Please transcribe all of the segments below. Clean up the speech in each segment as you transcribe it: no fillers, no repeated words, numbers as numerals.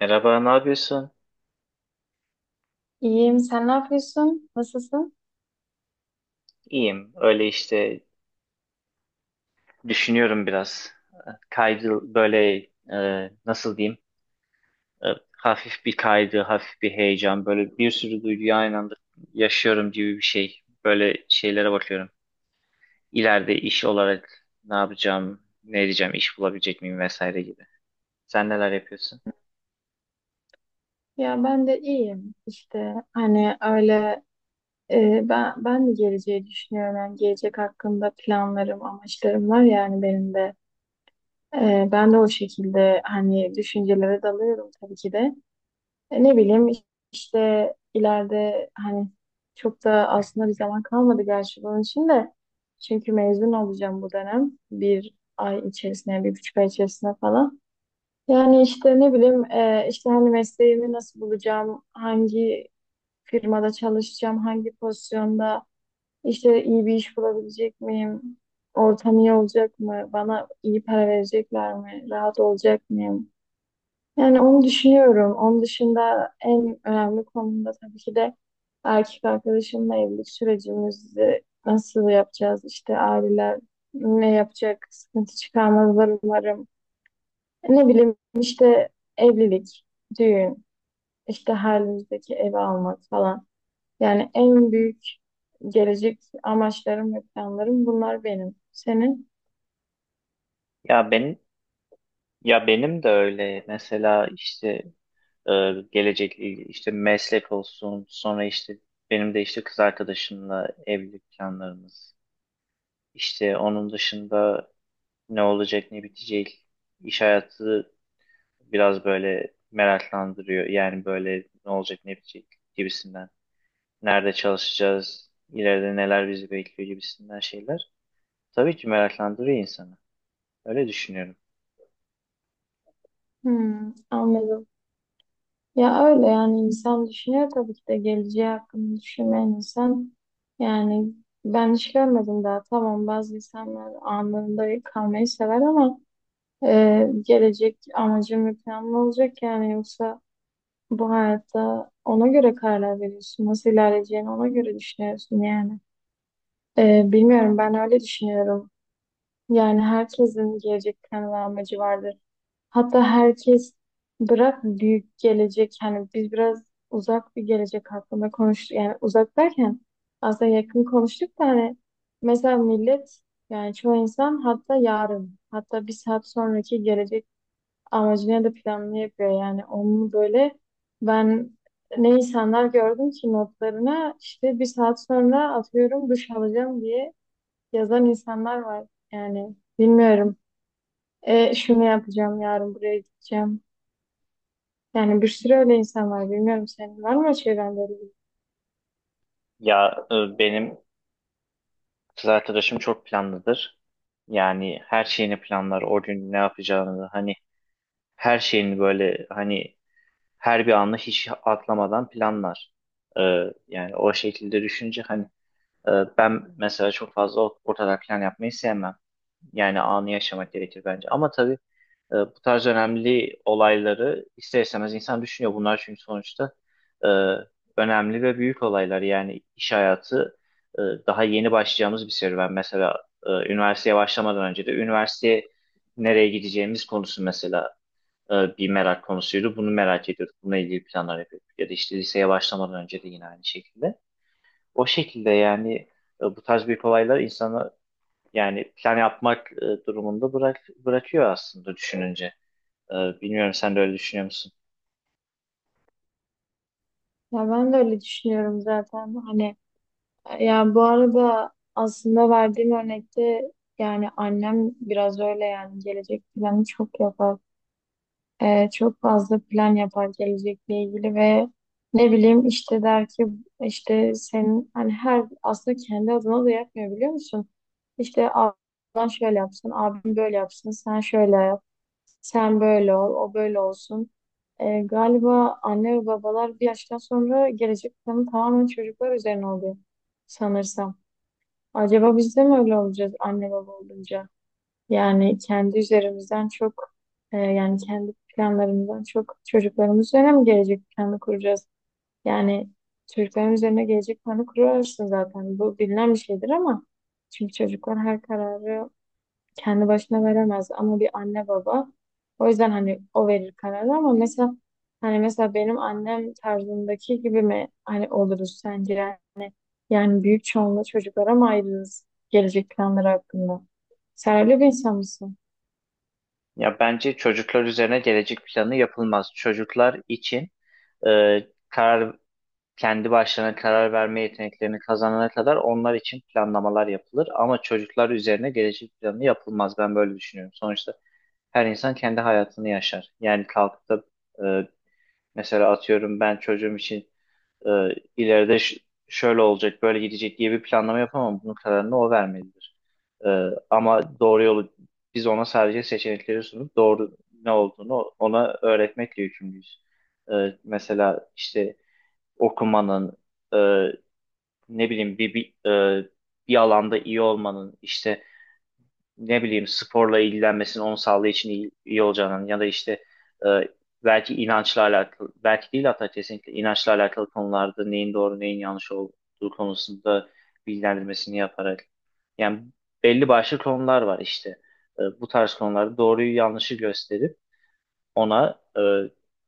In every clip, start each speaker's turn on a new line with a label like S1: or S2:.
S1: Merhaba, ne yapıyorsun?
S2: İyiyim. Sen ne yapıyorsun? Nasılsın?
S1: İyiyim. Öyle işte düşünüyorum biraz. Kaydı böyle nasıl diyeyim? E, Hafif bir kaydı, hafif bir heyecan. Böyle bir sürü duyguyu aynı anda yaşıyorum gibi bir şey. Böyle şeylere bakıyorum. İleride iş olarak ne yapacağım, ne edeceğim, iş bulabilecek miyim vesaire gibi. Sen neler yapıyorsun?
S2: Ya ben de iyiyim. İşte hani öyle ben de geleceği düşünüyorum. Yani gelecek hakkında planlarım, amaçlarım var yani benim de. Ben de o şekilde hani düşüncelere dalıyorum tabii ki de. Ne bileyim işte ileride hani çok da aslında bir zaman kalmadı gerçi bunun için de. Çünkü mezun olacağım bu dönem. Bir ay içerisinde, bir buçuk ay içerisinde falan. Yani işte ne bileyim işte hani mesleğimi nasıl bulacağım, hangi firmada çalışacağım, hangi pozisyonda işte iyi bir iş bulabilecek miyim, ortam iyi olacak mı, bana iyi para verecekler mi, rahat olacak mıyım? Yani onu düşünüyorum. Onun dışında en önemli konumda tabii ki de erkek arkadaşımla evlilik sürecimizi nasıl yapacağız, işte aileler ne yapacak, sıkıntı çıkarmazlar umarım. Ne bileyim işte evlilik, düğün, işte halimizdeki bizdeki evi almak falan. Yani en büyük gelecek amaçlarım ve planlarım bunlar benim. Senin?
S1: Ya benim ya benim de öyle. Mesela işte e, gelecek, işte meslek olsun, sonra işte benim de işte kız arkadaşımla evlilik planlarımız, işte onun dışında ne olacak ne bitecek, iş hayatı biraz böyle meraklandırıyor yani. Böyle ne olacak ne bitecek gibisinden, nerede çalışacağız, ileride neler bizi bekliyor gibisinden şeyler tabii ki meraklandırıyor insanı, öyle düşünüyorum.
S2: Hmm, anladım. Ya öyle yani insan düşünüyor tabii ki de geleceği hakkında düşünmeyen insan. Yani ben hiç görmedim daha. Tamam, bazı insanlar anında kalmayı sever ama gelecek amacım ve planım olacak yani, yoksa bu hayatta ona göre kararlar veriyorsun. Nasıl ilerleyeceğini ona göre düşünüyorsun yani. Bilmiyorum, ben öyle düşünüyorum. Yani herkesin gelecek planı ve amacı vardır. Hatta herkes bırak büyük gelecek. Yani biz biraz uzak bir gelecek hakkında konuştuk. Yani uzak derken aslında yakın konuştuk da hani mesela millet, yani çoğu insan hatta yarın hatta bir saat sonraki gelecek amacını da planını yapıyor. Yani onu böyle ben ne insanlar gördüm ki notlarına işte bir saat sonra atıyorum duş alacağım diye yazan insanlar var. Yani bilmiyorum. Şunu yapacağım yarın buraya gideceğim. Yani bir sürü öyle insan var. Bilmiyorum, senin var mı çevrende öyle biri?
S1: Ya benim kız arkadaşım çok planlıdır. Yani her şeyini planlar. O gün ne yapacağını, hani her şeyini böyle, hani her bir anı hiç atlamadan planlar. Ee, Yani o şekilde düşünce hani, e, ben mesela çok fazla ortada plan yapmayı sevmem. Yani anı yaşamak gerekir bence. Ama tabii bu tarz önemli olayları ister istemez insan düşünüyor. Bunlar çünkü sonuçta e, önemli ve büyük olaylar. Yani iş hayatı e, daha yeni başlayacağımız bir serüven. Mesela üniversiteye başlamadan önce de üniversiteye nereye gideceğimiz konusu mesela bir merak konusuydu. Bunu merak ediyorduk. Bununla ilgili planlar yapıyorduk. Ya da işte liseye başlamadan önce de yine aynı şekilde. O şekilde yani, bu tarz büyük olaylar insanı, yani plan yapmak durumunda bırakıyor aslında düşününce. Bilmiyorum, sen de öyle düşünüyor musun?
S2: Ya ben de öyle düşünüyorum zaten. Hani ya bu arada aslında verdiğim örnekte yani annem biraz öyle, yani gelecek planı çok yapar. Çok fazla plan yapar gelecekle ilgili ve ne bileyim işte der ki işte senin hani her aslında kendi adına da yapmıyor biliyor musun? İşte ablan şöyle yapsın, abim böyle yapsın, sen şöyle yap, sen böyle ol, o böyle olsun. Galiba anne ve babalar bir yaştan sonra gelecek planı tamamen çocuklar üzerine oluyor sanırsam. Acaba biz de mi öyle olacağız anne baba olunca? Yani kendi üzerimizden çok yani kendi planlarımızdan çok çocuklarımız üzerine mi gelecek planı kuracağız? Yani çocukların üzerine gelecek planı kurarsın zaten. Bu bilinen bir şeydir ama çünkü çocuklar her kararı kendi başına veremez, ama bir anne baba o yüzden hani o verir kararı. Ama mesela hani mesela benim annem tarzındaki gibi mi hani oluruz sence? Yani büyük çoğunluğu çocuklara mı ayrılırız gelecek planları hakkında? Sen öyle bir insan mısın?
S1: Ya bence çocuklar üzerine gelecek planı yapılmaz. Çocuklar için e, karar kendi başlarına karar verme yeteneklerini kazanana kadar onlar için planlamalar yapılır. Ama çocuklar üzerine gelecek planı yapılmaz. Ben böyle düşünüyorum. Sonuçta her insan kendi hayatını yaşar. Yani kalkıp da e, mesela atıyorum ben çocuğum için e, ileride şöyle olacak, böyle gidecek diye bir planlama yapamam. Bunun kararını o vermelidir. E, Ama doğru yolu biz ona sadece seçenekleri sunup doğru ne olduğunu ona öğretmekle yükümlüyüz. E, Mesela işte okumanın, e, ne bileyim e, bir alanda iyi olmanın, işte ne bileyim sporla ilgilenmesinin onun sağlığı için iyi olacağının ya da işte e, belki inançla alakalı, belki değil, hatta kesinlikle inançla alakalı konularda neyin doğru neyin yanlış olduğu konusunda bilgilendirmesini yaparak, yani belli başlı konular var işte. Bu tarz konularda doğruyu yanlışı gösterip ona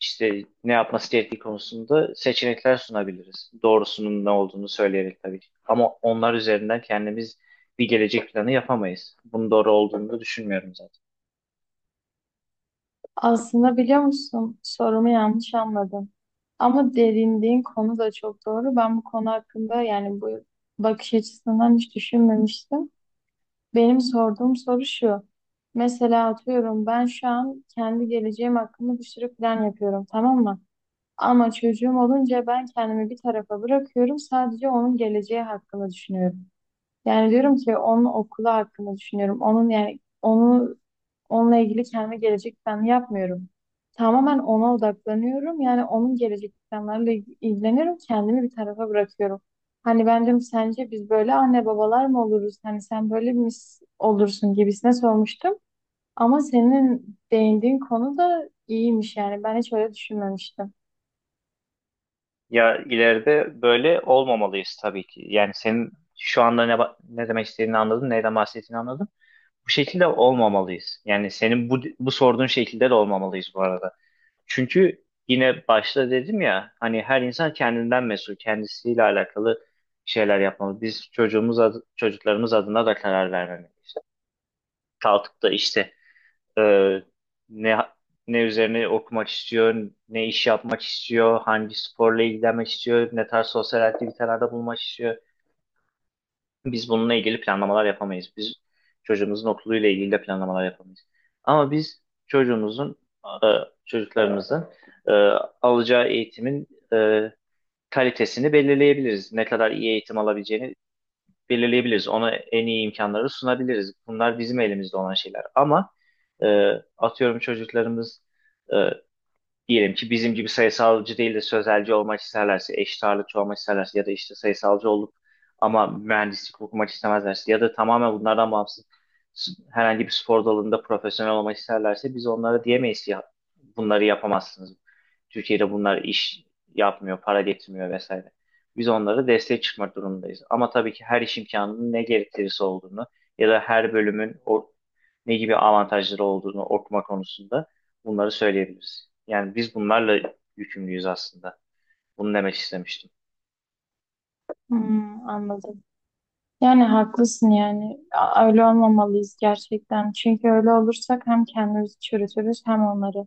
S1: işte ne yapması gerektiği konusunda seçenekler sunabiliriz. Doğrusunun ne olduğunu söyleyerek tabii ki. Ama onlar üzerinden kendimiz bir gelecek planı yapamayız. Bunun doğru olduğunu da düşünmüyorum zaten.
S2: Aslında biliyor musun, sorumu yanlış anladın. Ama derindiğin konu da çok doğru. Ben bu konu hakkında, yani bu bakış açısından hiç düşünmemiştim. Benim sorduğum soru şu. Mesela atıyorum ben şu an kendi geleceğim hakkında bir sürü plan yapıyorum, tamam mı? Ama çocuğum olunca ben kendimi bir tarafa bırakıyorum. Sadece onun geleceği hakkında düşünüyorum. Yani diyorum ki onun okulu hakkında düşünüyorum. Onun yani onu, onunla ilgili kendi gelecek planı yapmıyorum. Tamamen ona odaklanıyorum. Yani onun gelecek planlarıyla ilgileniyorum. Kendimi bir tarafa bırakıyorum. Hani ben bence sence biz böyle anne babalar mı oluruz? Hani sen böyle mi olursun gibisine sormuştum. Ama senin değindiğin konu da iyiymiş yani. Ben hiç öyle düşünmemiştim.
S1: Ya ileride böyle olmamalıyız tabii ki. Yani senin şu anda ne demek istediğini anladım, neyden bahsettiğini anladım. Bu şekilde olmamalıyız. Yani senin bu sorduğun şekilde de olmamalıyız bu arada. Çünkü yine başta dedim ya, hani her insan kendinden mesul, kendisiyle alakalı şeyler yapmalı. Biz çocuklarımız adına da karar vermemeliyiz. Kalkıp da işte e, ne ne üzerine okumak istiyor, ne iş yapmak istiyor, hangi sporla ilgilenmek istiyor, ne tarz sosyal aktivitelerde bulunmak istiyor. Biz bununla ilgili planlamalar yapamayız. Biz çocuğumuzun okuluyla ilgili de planlamalar yapamayız. Ama biz çocuğumuzun, e, çocuklarımızın e, alacağı eğitimin e, kalitesini belirleyebiliriz. Ne kadar iyi eğitim alabileceğini belirleyebiliriz. Ona en iyi imkanları sunabiliriz. Bunlar bizim elimizde olan şeyler. Ama e, atıyorum çocuklarımız e, diyelim ki bizim gibi sayısalcı değil de sözelci olmak isterlerse, eşit ağırlıkçı olmak isterlerse ya da işte sayısalcı olup ama mühendislik okumak istemezlerse ya da tamamen bunlardan bağımsız herhangi bir spor dalında profesyonel olmak isterlerse, biz onlara diyemeyiz ki ya bunları yapamazsınız. Türkiye'de bunlar iş yapmıyor, para getirmiyor vesaire. Biz onlara destek çıkmak durumundayız. Ama tabii ki her iş imkanının ne gerektirisi olduğunu ya da her bölümün o ne gibi avantajları olduğunu, okuma konusunda bunları söyleyebiliriz. Yani biz bunlarla yükümlüyüz aslında. Bunu demek istemiştim.
S2: Hmm, anladım. Yani haklısın yani. Öyle olmamalıyız gerçekten. Çünkü öyle olursak hem kendimizi çürütürüz hem onları.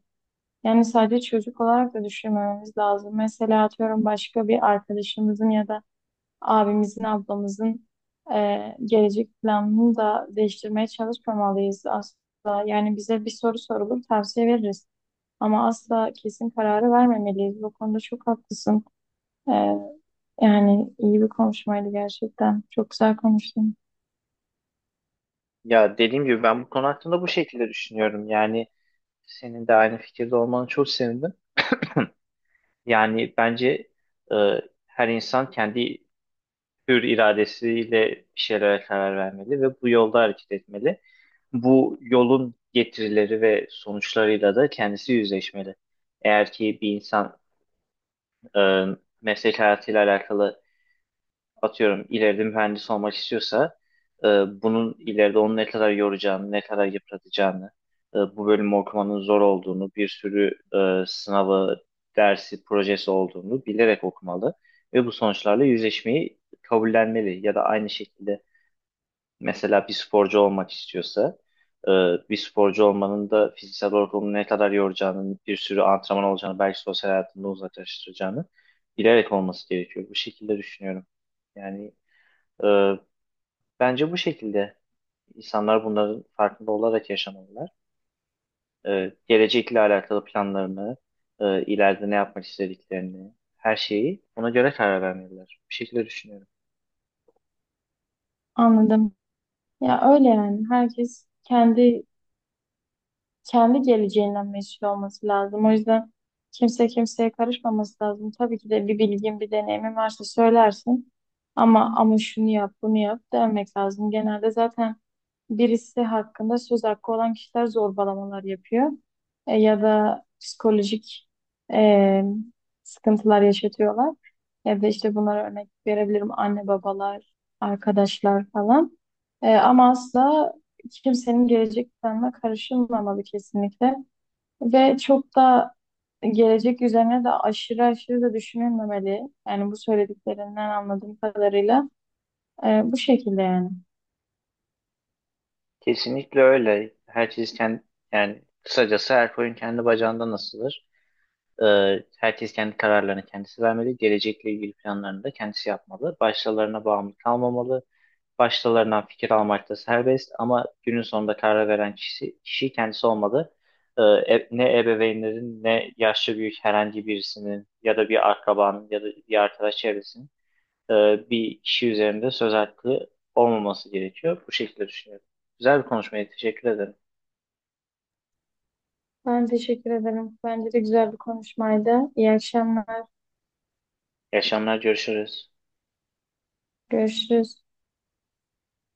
S2: Yani sadece çocuk olarak da düşünmememiz lazım. Mesela atıyorum başka bir arkadaşımızın ya da abimizin, ablamızın gelecek planını da değiştirmeye çalışmamalıyız asla. Yani bize bir soru sorulur, tavsiye veririz. Ama asla kesin kararı vermemeliyiz. Bu konuda çok haklısın. E, Yani iyi bir konuşmaydı gerçekten. Çok güzel konuştun.
S1: Ya dediğim gibi ben bu konu hakkında bu şekilde düşünüyorum. Yani senin de aynı fikirde olmanı çok sevindim. Yani bence e, her insan kendi hür iradesiyle bir şeylere karar vermeli ve bu yolda hareket etmeli. Bu yolun getirileri ve sonuçlarıyla da kendisi yüzleşmeli. Eğer ki bir insan e, meslek hayatıyla alakalı atıyorum ileride mühendis olmak istiyorsa e, bunun ileride onu ne kadar yoracağını, ne kadar yıpratacağını, bu bölümü okumanın zor olduğunu, bir sürü sınavı, dersi, projesi olduğunu bilerek okumalı ve bu sonuçlarla yüzleşmeyi kabullenmeli ya da aynı şekilde mesela bir sporcu olmak istiyorsa e, bir sporcu olmanın da fiziksel olarak onu ne kadar yoracağını, bir sürü antrenman olacağını, belki sosyal hayatında uzaklaştıracağını bilerek olması gerekiyor. Bu şekilde düşünüyorum. Yani ee, bence bu şekilde insanlar bunların farkında olarak yaşamalılar. Gelecekle alakalı planlarını, ileride ne yapmak istediklerini, her şeyi ona göre karar vermeliler. Bu şekilde düşünüyorum.
S2: Anladım. Ya öyle yani. Herkes kendi kendi geleceğinden mesul olması lazım. O yüzden kimse kimseye karışmaması lazım. Tabii ki de bir bilgin, bir deneyimin varsa söylersin. Ama şunu yap, bunu yap demek lazım. Genelde zaten birisi hakkında söz hakkı olan kişiler zorbalamalar yapıyor. Ya da psikolojik e, sıkıntılar yaşatıyorlar. Ya da işte bunlara örnek verebilirim anne babalar, arkadaşlar falan. Ama asla hiç kimsenin gelecek planına karışılmamalı kesinlikle. Ve çok da gelecek üzerine de aşırı aşırı da düşünülmemeli. Yani bu söylediklerinden anladığım kadarıyla bu şekilde yani.
S1: Kesinlikle öyle. Herkes kendi, yani kısacası her koyun kendi bacağından asılır. Herkes kendi kararlarını kendisi vermeli. Gelecekle ilgili planlarını da kendisi yapmalı. Başkalarına bağımlı kalmamalı. Başkalarından fikir almak da serbest, ama günün sonunda karar veren kişi kendisi olmalı. Ne ebeveynlerin, ne yaşlı büyük herhangi birisinin ya da bir akrabanın ya da bir arkadaş çevresinin e, bir kişi üzerinde söz hakkı olmaması gerekiyor. Bu şekilde düşünüyorum. Güzel bir konuşmaydı. Teşekkür ederim.
S2: Ben teşekkür ederim. Bence de güzel bir konuşmaydı. İyi akşamlar.
S1: İyi akşamlar. Görüşürüz.
S2: Görüşürüz.